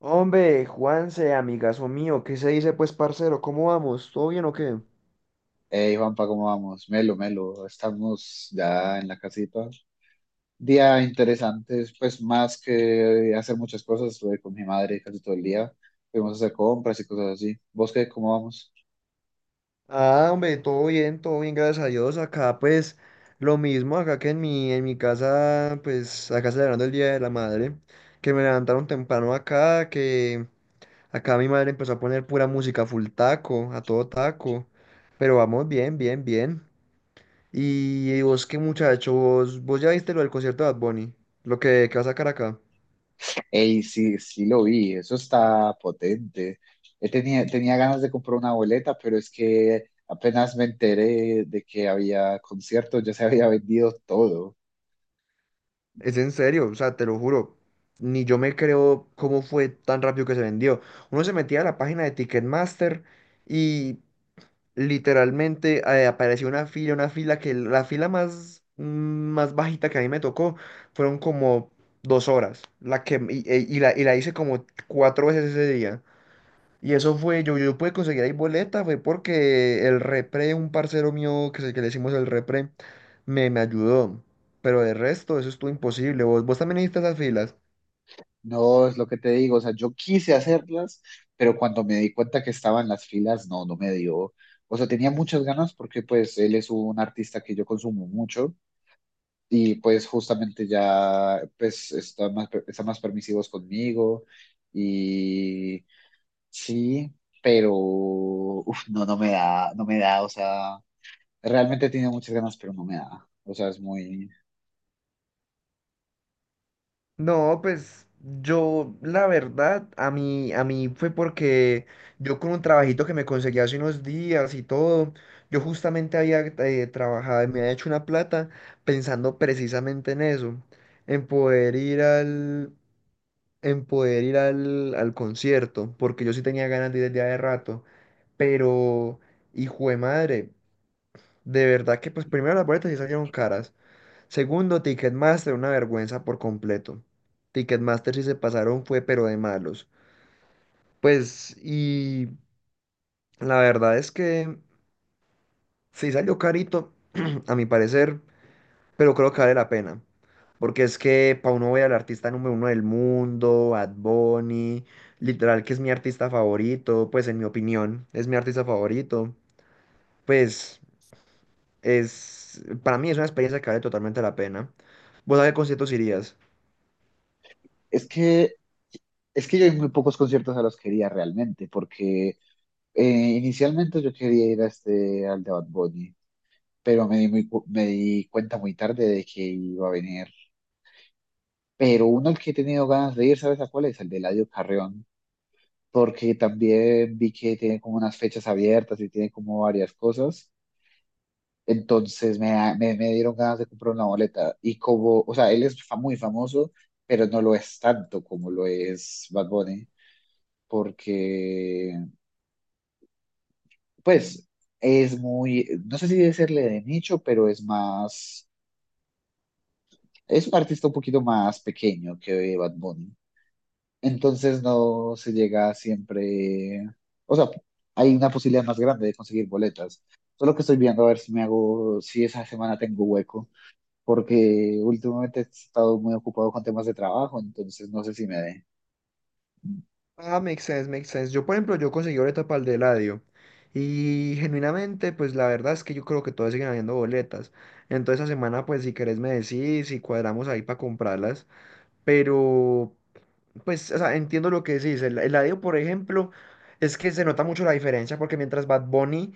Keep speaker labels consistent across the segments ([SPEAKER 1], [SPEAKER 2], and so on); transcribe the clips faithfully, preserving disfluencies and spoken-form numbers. [SPEAKER 1] Hombre, Juanse, amigazo mío, ¿qué se dice pues, parcero? ¿Cómo vamos? ¿Todo bien o qué?
[SPEAKER 2] Hey Juanpa, ¿cómo vamos? Melo, Melo, estamos ya en la casita. Día interesante, pues más que hacer muchas cosas, estuve con mi madre casi todo el día, fuimos a hacer compras y cosas así. ¿Vos qué, cómo vamos?
[SPEAKER 1] Ah, hombre, todo bien, todo bien, gracias a Dios. Acá pues lo mismo, acá que en mi, en mi casa, pues acá celebrando el Día de la Madre, que me levantaron temprano acá, que acá mi madre empezó a poner pura música full taco, a todo taco. Pero vamos bien, bien, bien. Y vos qué muchacho, vos, vos ya viste lo del concierto de Bad Bunny, lo que, que va a sacar acá.
[SPEAKER 2] Hey, sí, sí lo vi, eso está potente. Eh, tenía, tenía ganas de comprar una boleta, pero es que apenas me enteré de que había conciertos, ya se había vendido todo.
[SPEAKER 1] Es en serio, o sea, te lo juro. Ni yo me creo cómo fue tan rápido que se vendió. Uno se metía a la página de Ticketmaster y literalmente eh, apareció una fila, una fila que la fila más, mm, más bajita que a mí me tocó fueron como dos horas. La que, y, y- y la, y la hice como cuatro veces ese día. Y eso fue, yo, yo pude conseguir ahí boleta, fue porque el repre, un parcero mío que, se- que le hicimos el repre, me, me ayudó. Pero de resto, eso estuvo imposible. ¿Vos, vos también hiciste esas filas?
[SPEAKER 2] No, es lo que te digo, o sea, yo quise hacerlas, pero cuando me di cuenta que estaban las filas, no, no me dio. O sea, tenía muchas ganas porque pues él es un artista que yo consumo mucho y pues justamente ya pues está más, está más permisivos conmigo y sí, pero uf, no, no me da, no me da, o sea, realmente tenía muchas ganas, pero no me da. O sea, es muy.
[SPEAKER 1] No, pues yo, la verdad, a mí, a mí fue porque yo con un trabajito que me conseguí hace unos días y todo, yo justamente había eh, trabajado y me había hecho una plata pensando precisamente en eso, en poder ir al, en poder ir al, al concierto, porque yo sí tenía ganas de ir desde hace rato, pero, hijo de madre, de verdad que pues primero las boletas sí salieron caras, segundo, Ticketmaster, una vergüenza por completo. Ticketmaster sí se pasaron fue, pero de malos. Pues, y la verdad es que sí salió carito, a mi parecer, pero creo que vale la pena. Porque es que para uno ver al artista número uno del mundo, Bad Bunny, literal que es mi artista favorito, pues en mi opinión, es mi artista favorito. Pues es, para mí es una experiencia que vale totalmente la pena. ¿Vos a qué conciertos irías?
[SPEAKER 2] Es que, es que yo hay muy pocos conciertos a los que iría realmente, porque eh, inicialmente yo quería ir a este, al de Bad Bunny, pero me di, muy cu- me di cuenta muy tarde de que iba a venir. Pero uno al que he tenido ganas de ir, ¿sabes a cuál es? El de Eladio Carrión, porque también vi que tiene como unas fechas abiertas y tiene como varias cosas. Entonces me, da- me, me dieron ganas de comprar una boleta. Y como, o sea, él es fa- muy famoso, pero no lo es tanto como lo es Bad Bunny, porque, pues, es muy, no sé si decirle de nicho, pero es más, es un artista un poquito más pequeño que Bad Bunny. Entonces no se llega siempre, o sea, hay una posibilidad más grande de conseguir boletas. Solo que estoy viendo a ver si me hago, si esa semana tengo hueco, porque últimamente he estado muy ocupado con temas de trabajo, entonces no sé si me dé.
[SPEAKER 1] Ah, makes sense, makes sense. Yo, por ejemplo, yo conseguí boleta para el de Eladio. Y genuinamente, pues la verdad es que yo creo que todavía siguen habiendo boletas. Entonces, esa semana, pues si querés me decís y cuadramos ahí para comprarlas. Pero Pues, o sea, entiendo lo que decís. El, el Eladio, por ejemplo, es que se nota mucho la diferencia porque mientras Bad Bunny,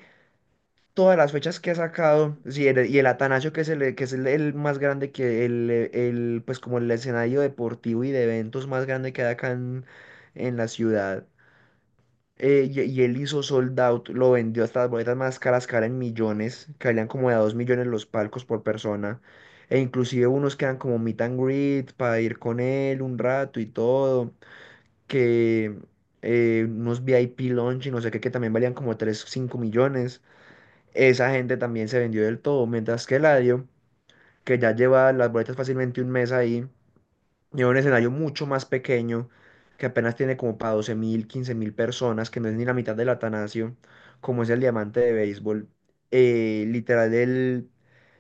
[SPEAKER 1] todas las fechas que ha sacado, sí, el- y el Atanasio, que es el, que es el, el más grande que el, eh, el, pues como el escenario deportivo y de eventos más grande que hay acá en, en la ciudad. eh, y, y él hizo sold out, lo vendió hasta las boletas más caras, caras en millones, que valían como de a dos millones los palcos por persona. E inclusive unos quedan como meet and greet para ir con él un rato y todo que eh, unos V I P launch y no sé qué, que también valían como tres cinco millones. Esa gente también se vendió del todo, mientras que Eladio, que ya lleva las boletas fácilmente un mes ahí, lleva un escenario mucho más pequeño, que apenas tiene como para doce mil, quince mil personas, que no es ni la mitad del Atanasio, como es el diamante de béisbol. Eh, literal, él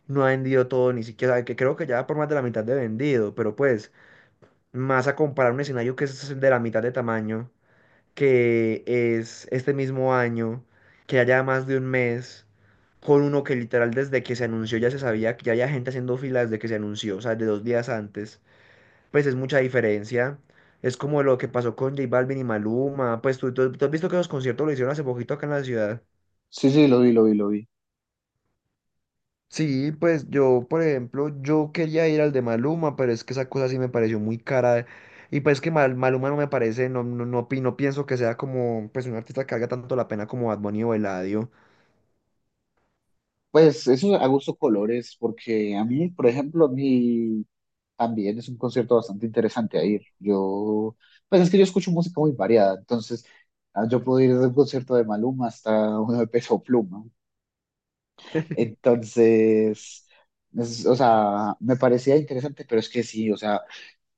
[SPEAKER 1] no ha vendido todo, ni siquiera, que creo que ya va por más de la mitad de vendido, pero pues, más a comparar un escenario que es de la mitad de tamaño que es este mismo año, que haya más de un mes, con uno que literal desde que se anunció ya se sabía que ya había gente haciendo filas desde que se anunció, o sea, de dos días antes, pues es mucha diferencia. Es como lo que pasó con J Balvin y Maluma, pues tú, tú- tú has visto que los conciertos lo hicieron hace poquito acá en la ciudad.
[SPEAKER 2] Sí, sí, lo vi, lo vi, lo vi.
[SPEAKER 1] Sí, pues yo, por ejemplo, yo quería ir al de Maluma, pero es que esa cosa sí me pareció muy cara. Y pues que Mal- Maluma no me parece, no, no, no, pi- no pienso que sea como pues un artista que valga tanto la pena como Bad Bunny o Eladio.
[SPEAKER 2] Pues eso a gusto colores, porque a mí, por ejemplo, mi también es un concierto bastante interesante a ir. Yo, pues es que yo escucho música muy variada, entonces ah, yo puedo ir desde un concierto de Maluma hasta uno de Peso Pluma. Entonces, es- o sea, me parecía interesante, pero es que sí, o sea,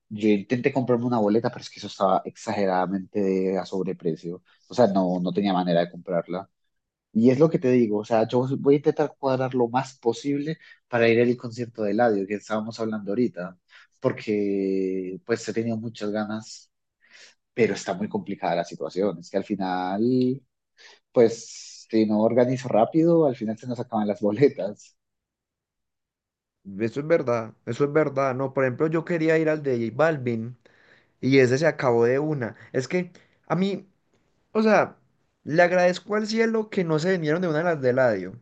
[SPEAKER 2] yo intenté comprarme una boleta, pero es que eso estaba exageradamente a sobreprecio. O sea, no, no tenía manera de comprarla. Y es lo que te digo, o sea, yo voy a intentar cuadrar lo más posible para ir al concierto de Eladio, que estábamos hablando ahorita, porque pues he tenido muchas ganas, pero está muy complicada la situación. Es que al final, pues si no organizo rápido, al final se nos acaban las boletas.
[SPEAKER 1] Eso es verdad, eso es verdad, ¿no? Por ejemplo, yo quería ir al de J Balvin y ese se acabó de una. Es que a mí, o sea, le agradezco al cielo que no se vinieron de una a las de Eladio,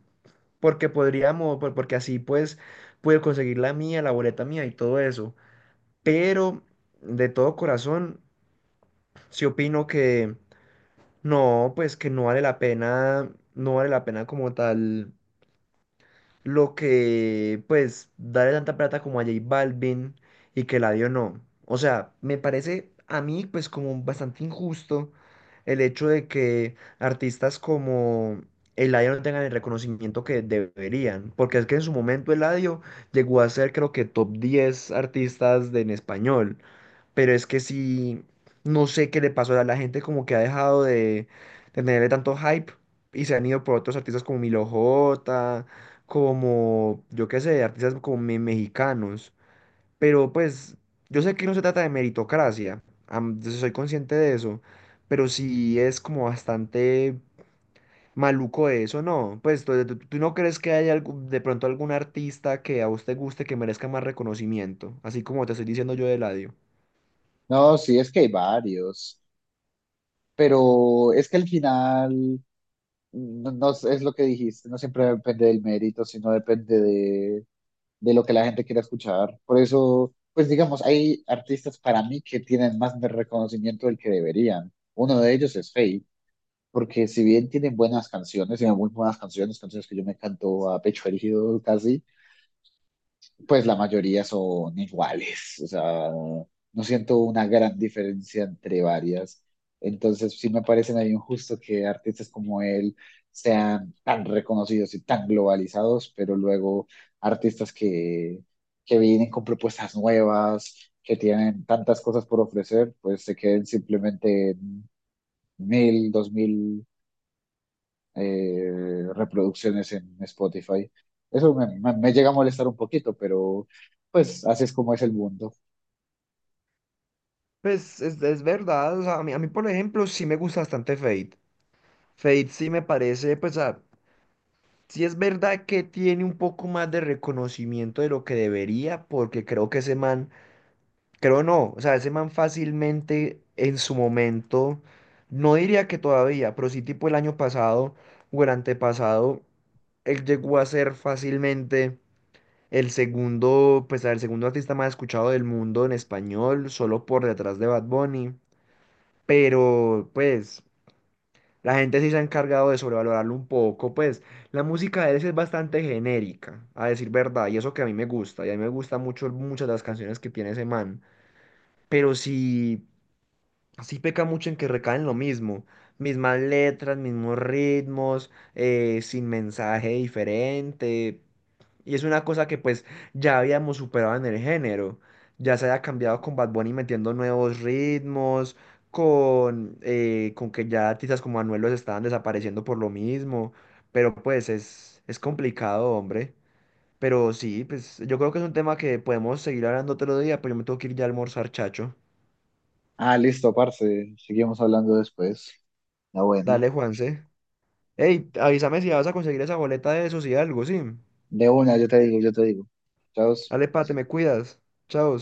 [SPEAKER 1] porque podríamos, por- porque así pues pude conseguir la mía, la boleta mía y todo eso. Pero de todo corazón, sí opino que no, pues que no vale la pena, no vale la pena como tal. Lo que, pues, darle tanta plata como a J Balvin y que Eladio no. O sea, me parece a mí, pues, como bastante injusto el hecho de que artistas como Eladio no tengan el reconocimiento que deberían. Porque es que en su momento Eladio llegó a ser, creo que, top diez artistas de, en español, pero es que sí, no sé qué le pasó a la gente, como que ha dejado de, de tenerle tanto hype y se han ido por otros artistas como Milo J, como, yo qué sé, artistas como me- mexicanos. Pero pues, yo sé que no se trata de meritocracia, am- yo soy consciente de eso, pero sí es como bastante maluco eso, ¿no? Pues, ¿tú, tú- tú no crees que haya algún- de pronto algún artista que a usted guste que merezca más reconocimiento? Así como te estoy diciendo yo de Eladio.
[SPEAKER 2] No, sí, es que hay varios, pero es que al final no, no es es lo que dijiste, no siempre depende del mérito, sino depende de de lo que la gente quiere escuchar. Por eso, pues digamos, hay artistas para mí que tienen más de reconocimiento del que deberían. Uno de ellos es Faye, porque si bien tienen buenas canciones, tienen muy buenas canciones, canciones que yo me canto a pecho erigido casi, pues la mayoría son iguales, o sea, no siento una gran diferencia entre varias. Entonces, sí me parece medio injusto que artistas como él sean tan reconocidos y tan globalizados, pero luego artistas que, que vienen con propuestas nuevas, que tienen tantas cosas por ofrecer, pues se queden simplemente en mil, dos mil eh, reproducciones en Spotify. Eso me, me- me llega a molestar un poquito, pero pues así es como es el mundo.
[SPEAKER 1] Pues es, es verdad, o sea, a mí, a mí, por ejemplo sí me gusta bastante Fate. Fate sí me parece, pues ah, sí es verdad que tiene un poco más de reconocimiento de lo que debería, porque creo que ese man, creo no, o sea, ese man fácilmente en su momento, no diría que todavía, pero sí tipo el año pasado o el antepasado, él llegó a ser fácilmente el segundo, pues el segundo artista más escuchado del mundo en español, solo por detrás de Bad Bunny. Pero pues la gente sí se ha encargado de sobrevalorarlo un poco, pues la música de él sí es bastante genérica, a decir verdad, y eso que a mí me gusta, y a mí me gustan mucho muchas de las canciones que tiene ese man, pero sí, sí peca mucho en que recaen lo mismo, mismas letras, mismos ritmos, eh, sin mensaje diferente. Y es una cosa que pues ya habíamos superado en el género. Ya se había cambiado con Bad Bunny metiendo nuevos ritmos, con, eh, con que ya artistas como Anuel los estaban desapareciendo por lo mismo. Pero pues es, es complicado, hombre. Pero sí, pues yo creo que es un tema que podemos seguir hablando otro día, pero yo me tengo que ir ya a almorzar, chacho.
[SPEAKER 2] Ah, listo, parce. Seguimos hablando después. La buena.
[SPEAKER 1] Dale, Juanse. Ey, avísame si vas a conseguir esa boleta de esos y algo, sí.
[SPEAKER 2] De una, yo te digo, yo te digo. Chao.
[SPEAKER 1] Dale, pa, te me cuidas. Chao.